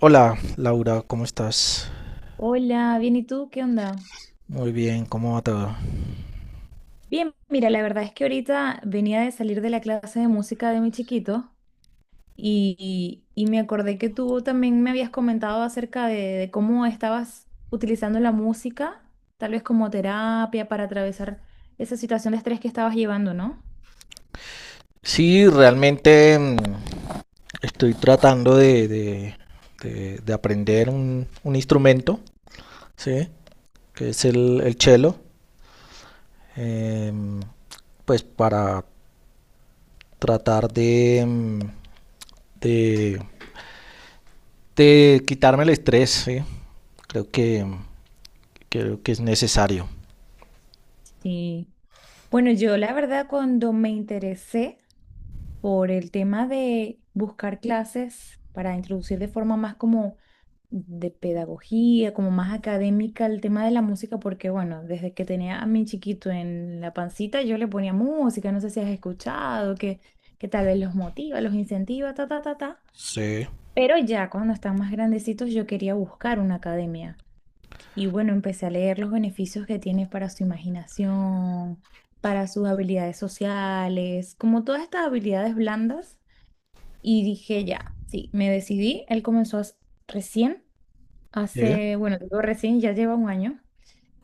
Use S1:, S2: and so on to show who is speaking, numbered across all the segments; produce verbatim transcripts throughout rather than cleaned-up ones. S1: Hola, Laura, ¿cómo estás?
S2: Hola, bien, ¿y tú? ¿Qué onda?
S1: Muy bien, ¿cómo va todo?
S2: Bien, mira, la verdad es que ahorita venía de salir de la clase de música de mi chiquito y, y me acordé que tú también me habías comentado acerca de, de cómo estabas utilizando la música, tal vez como terapia para atravesar esa situación de estrés que estabas llevando, ¿no?
S1: Sí, realmente mm, estoy tratando de, de- de- de aprender un, un instrumento, ¿sí? Que es el, el cello, em, pues para tratar de, mm, de, de quitarme el estrés, ¿sí? Creo que, creo que es necesario.
S2: Sí. Bueno, yo la verdad cuando me interesé por el tema de buscar clases para introducir de forma más como de pedagogía, como más académica el tema de la música, porque bueno, desde que tenía a mi chiquito en la pancita, yo le ponía música, no sé si has escuchado, que, que tal vez los motiva, los incentiva, ta, ta, ta, ta.
S1: Sí.
S2: Pero ya cuando están más grandecitos yo quería buscar una academia y bueno, empecé a leer los beneficios que tiene para su imaginación, para sus habilidades sociales, como todas estas habilidades blandas y dije ya, sí, me decidí, él comenzó a- recién.
S1: Sí.
S2: Hace, bueno, te digo recién, ya lleva un año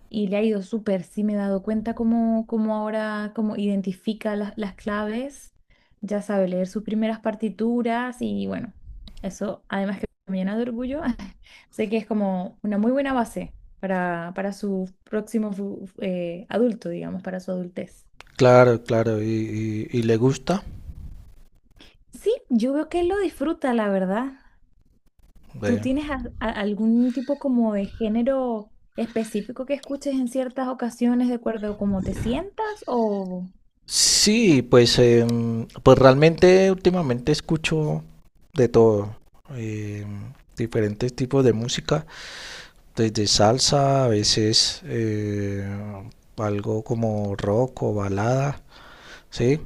S2: y le ha ido súper. Sí, me he dado cuenta cómo, cómo ahora, cómo identifica las, las claves, ya sabe leer sus primeras partituras y bueno, eso además que me llena de orgullo, sé que es como una muy buena base para, para su próximo fu- eh, adulto, digamos, para su adultez.
S1: Claro, claro, y, y- y le gusta.
S2: Sí, yo veo que él lo disfruta, la verdad. ¿Tú
S1: Bueno,
S2: tienes a- a- algún tipo como de género específico que escuches en ciertas ocasiones de acuerdo a cómo te sientas? O.
S1: sí, pues, em, pues realmente últimamente escucho de todo, em, diferentes tipos de música, desde salsa, a veces eh, algo como rock o balada, ¿sí?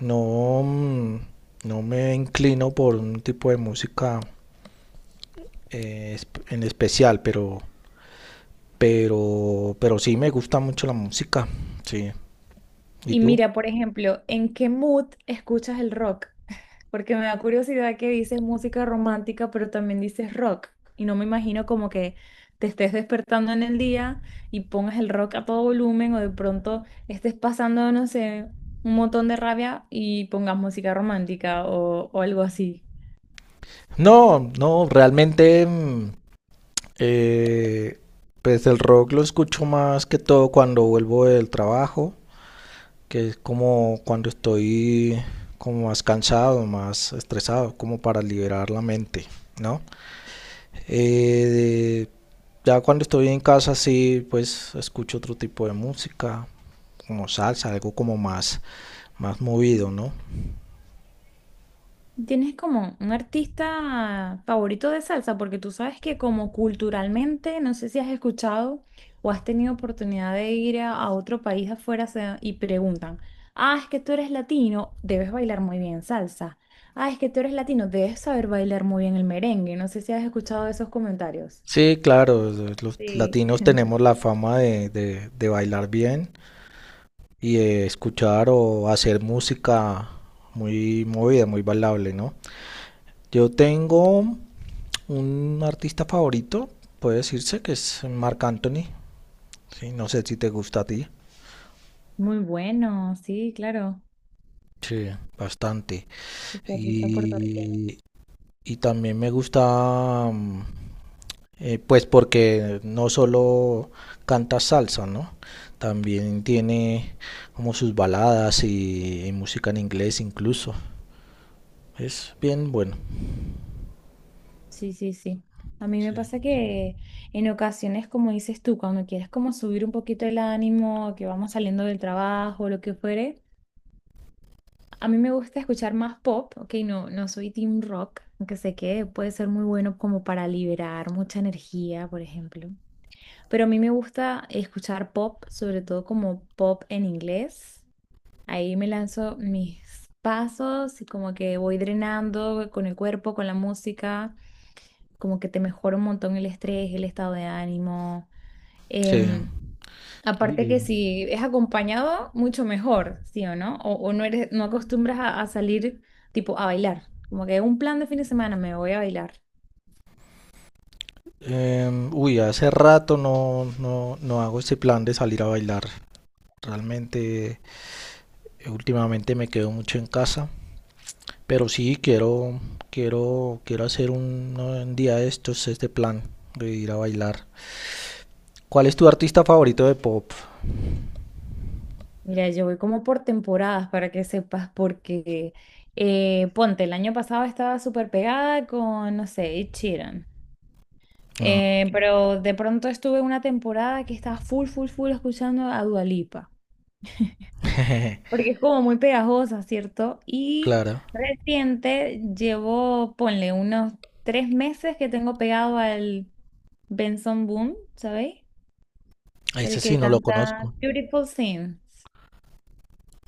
S1: No, mm, no me inclino por un tipo de música eh, esp- en especial, pero, pero, pero sí me gusta mucho la música, sí. ¿Y
S2: Y
S1: tú?
S2: mira, por ejemplo, ¿en qué mood escuchas el rock? Porque me da curiosidad que dices música romántica, pero también dices rock. Y no me imagino como que te estés despertando en el día y pongas el rock a todo volumen o de pronto estés pasando, no sé, un montón de rabia y pongas música romántica o, o algo así.
S1: No, no, realmente, mm, Eh, pues el rock lo escucho más que todo cuando vuelvo del trabajo, que es como cuando estoy como más cansado, más estresado, como para liberar la mente, ¿no? Eh, ya cuando estoy en casa sí, pues escucho otro tipo de música, como salsa, algo como más, más movido, ¿no?
S2: ¿Tienes como un artista favorito de salsa? Porque tú sabes que como culturalmente, no sé si has escuchado o has tenido oportunidad de ir a, a otro país afuera se- y preguntan, ah, es que tú eres latino, debes bailar muy bien salsa. Ah, es que tú eres latino, debes saber bailar muy bien el merengue. No sé si has escuchado esos comentarios.
S1: Sí, claro, los
S2: Sí.
S1: latinos tenemos la fama de, de- de bailar bien y eh, escuchar o hacer música muy movida, muy bailable, ¿no? Yo tengo un artista favorito, puede decirse que es Marc Anthony, ¿sí? No sé si te gusta a ti.
S2: Muy bueno, sí, claro.
S1: Sí, bastante.
S2: Este artista puertorriqueño.
S1: Y, y también me gusta, mm, eh, pues porque no solo canta salsa, ¿no? También tiene como sus baladas y, y música en inglés incluso. Es bien bueno.
S2: Sí, sí, sí. A mí me
S1: Sí.
S2: pasa que en ocasiones, como dices tú, cuando quieres como subir un poquito el ánimo, que vamos saliendo del trabajo, lo que fuere, a mí me gusta escuchar más pop, ok, no, no soy team rock, aunque sé que puede ser muy bueno como para liberar mucha energía, por ejemplo. Pero a mí me gusta escuchar pop, sobre todo como pop en inglés. Ahí me lanzo mis pasos y como que voy drenando con el cuerpo, con la música como que te mejora un montón el estrés, el estado de ánimo.
S1: Sí.
S2: Em,
S1: Sí,
S2: aparte
S1: eh,
S2: que si es acompañado, mucho mejor, ¿sí o no? O, o no eres, no acostumbras a, a salir tipo a bailar. Como que un plan de fin de semana, me voy a bailar.
S1: em, uy, hace rato no, no, no hago este plan de salir a bailar. Realmente, eh, últimamente me quedo mucho en casa, pero sí quiero, quiero, quiero hacer un, no, un día de estos, este plan de ir a bailar. ¿Cuál es tu artista favorito de pop?
S2: Mira, yo voy como por temporadas para que sepas, porque eh, ponte, el año pasado estaba súper pegada con, no sé, Ed Sheeran.
S1: No.
S2: Eh, pero de pronto estuve una temporada que estaba full, full, full escuchando a Dua Lipa. Porque es como muy pegajosa, ¿cierto? Y
S1: Claro,
S2: reciente llevo, ponle, unos tres meses que tengo pegado al Benson Boone, ¿sabéis? El
S1: ese sí
S2: que
S1: no lo
S2: canta
S1: conozco.
S2: Beautiful Things.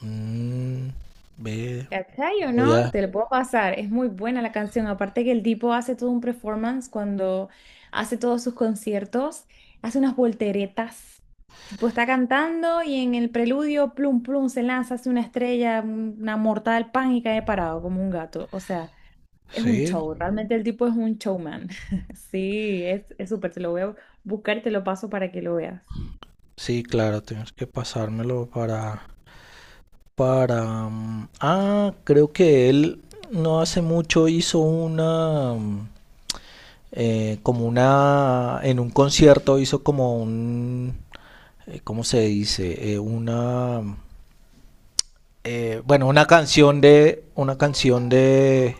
S1: Mm, ve,
S2: ¿Cachai o
S1: voy
S2: no?
S1: a...
S2: Te lo puedo pasar. Es muy buena la canción. Aparte que el tipo hace todo un performance cuando hace todos sus conciertos. Hace unas volteretas. Tipo está cantando y en el preludio, plum, plum, se lanza, hace una estrella, un- una mortal pan y cae parado como un gato. O sea, es un
S1: Sí,
S2: show. Realmente el tipo es un showman. Sí, es, es súper. Te lo voy a buscar y te lo paso para que lo veas.
S1: sí, claro, tienes que pasármelo para, para... mm, Ah, creo que él no hace mucho hizo una... mm, eh, como una... En un concierto hizo como un... eh, ¿Cómo se dice? Eh, una... mm, eh, bueno, una canción de... Una canción de...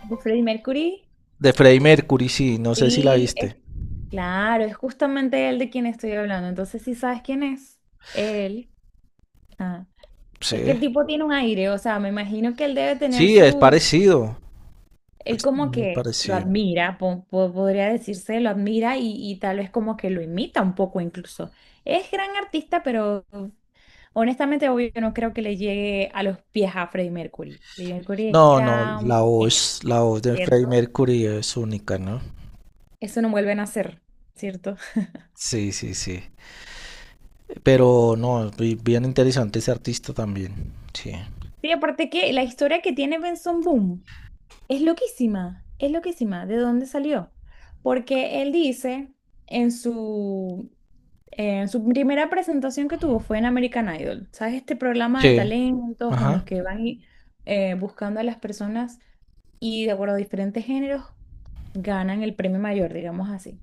S2: De Freddie Mercury.
S1: De Freddie Mercury, sí. No sé si la
S2: Sí,
S1: viste.
S2: claro, es justamente él de quien estoy hablando. Entonces, ¿si sabes quién es? Él. Ajá. Es que
S1: Sí.
S2: el tipo tiene un aire, o sea, me imagino que él debe tener
S1: Sí, es
S2: su.
S1: parecido.
S2: Él
S1: Es
S2: como
S1: muy
S2: que lo
S1: parecido.
S2: admira, po- po- podría decirse, lo admira y, y tal vez como que lo imita un poco incluso. Es gran artista, pero honestamente, obvio, no creo que le llegue a los pies a Freddie Mercury. Freddie
S1: No,
S2: Mercury
S1: no,
S2: era
S1: la
S2: un genio,
S1: voz, la voz de Freddie
S2: ¿cierto?
S1: Mercury es única, ¿no?
S2: Eso no vuelven a hacer, ¿cierto?
S1: Sí, sí, sí. Pero no, bi- bien interesante ese artista también. Sí.
S2: Sí, aparte que la historia que tiene Benson Boom. Es loquísima, es loquísima. ¿De dónde salió? Porque él dice en su, en su primera presentación que tuvo fue en American Idol. ¿Sabes? Este programa de
S1: Sí.
S2: talentos en los
S1: Ajá.
S2: que van y, eh, buscando a las personas y de acuerdo a diferentes géneros ganan el premio mayor, digamos así.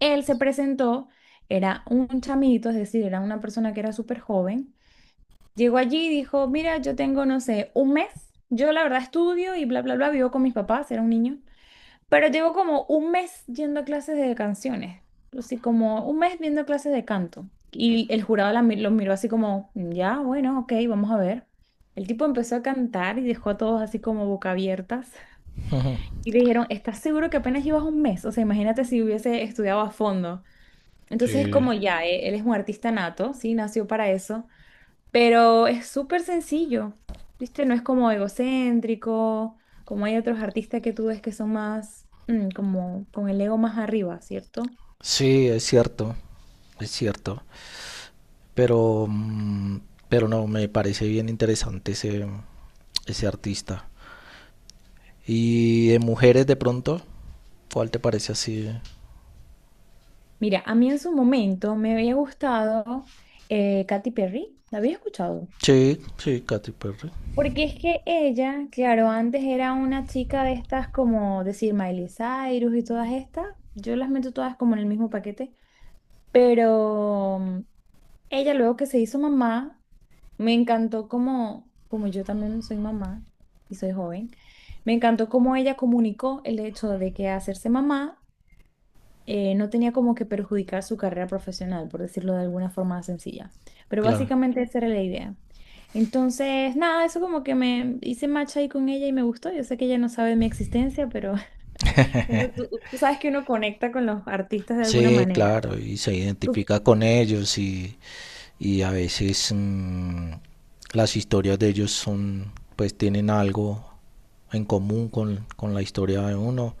S2: Él se presentó, era un chamito, es decir, era una persona que era súper joven. Llegó allí y dijo, mira, yo tengo, no sé, un mes. Yo la verdad estudio y bla, bla, bla, vivo con mis papás, era un niño. Pero llevo como un mes yendo a clases de canciones, así como un mes viendo clases de canto. Y el jurado la mi- los miró así como, "Mm, ya, bueno, ok, vamos a ver". El tipo empezó a cantar y dejó a todos así como boca abiertas.
S1: Ujú.
S2: Y le dijeron, ¿estás seguro que apenas llevas un mes? O sea, imagínate si hubiese estudiado a fondo. Entonces es
S1: Sí.
S2: como ya, eh, él es un artista nato, sí, nació para eso. Pero es súper sencillo, ¿viste? No es como egocéntrico, como hay otros artistas que tú ves que son más, mm, como con el ego más arriba, ¿cierto?
S1: Sí, es cierto, es cierto. Pero, mm, pero no, me parece bien interesante ese, ese artista. Y de mujeres de pronto, ¿cuál te parece así?
S2: Mira, a mí en su momento me había gustado eh, Katy Perry, ¿la había escuchado?
S1: Sí, sí, Katy Perry.
S2: Porque es que ella, claro, antes era una chica de estas como decir Miley Cyrus y todas estas, yo las meto todas como en el mismo paquete, pero ella luego que se hizo mamá, me encantó como, como yo también soy mamá y soy joven, me encantó cómo ella comunicó el hecho de que hacerse mamá eh, no tenía como que perjudicar su carrera profesional, por decirlo de alguna forma sencilla. Pero
S1: Claro.
S2: básicamente esa era la idea. Entonces, nada, eso como que me hice match ahí con ella y me gustó. Yo sé que ella no sabe de mi existencia, pero uno- tú, tú sabes que uno conecta con los artistas de alguna
S1: Sí,
S2: manera.
S1: claro, y se
S2: Tú-
S1: identifica con ellos y, y a veces mmm, las historias de ellos son, pues tienen algo en común con, con la historia de uno,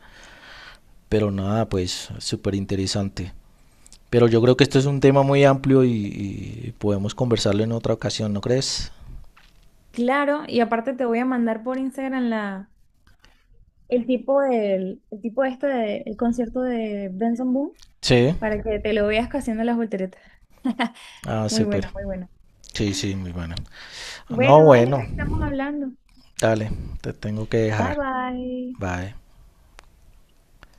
S1: pero nada, pues súper interesante. Pero yo creo que esto es un tema muy amplio y, y podemos conversarlo en otra ocasión, ¿no crees?
S2: Claro, y aparte te voy a mandar por Instagram la el tipo del, el tipo este de- el concierto de Benson Boone
S1: Sí,
S2: para que te lo veas haciendo las volteretas.
S1: ah,
S2: Muy
S1: súper.
S2: bueno, muy bueno.
S1: Sí, sí, muy bueno. No,
S2: Bueno, vale,
S1: bueno,
S2: ahí estamos hablando.
S1: dale, te tengo que
S2: Bye
S1: dejar.
S2: bye.
S1: Bye.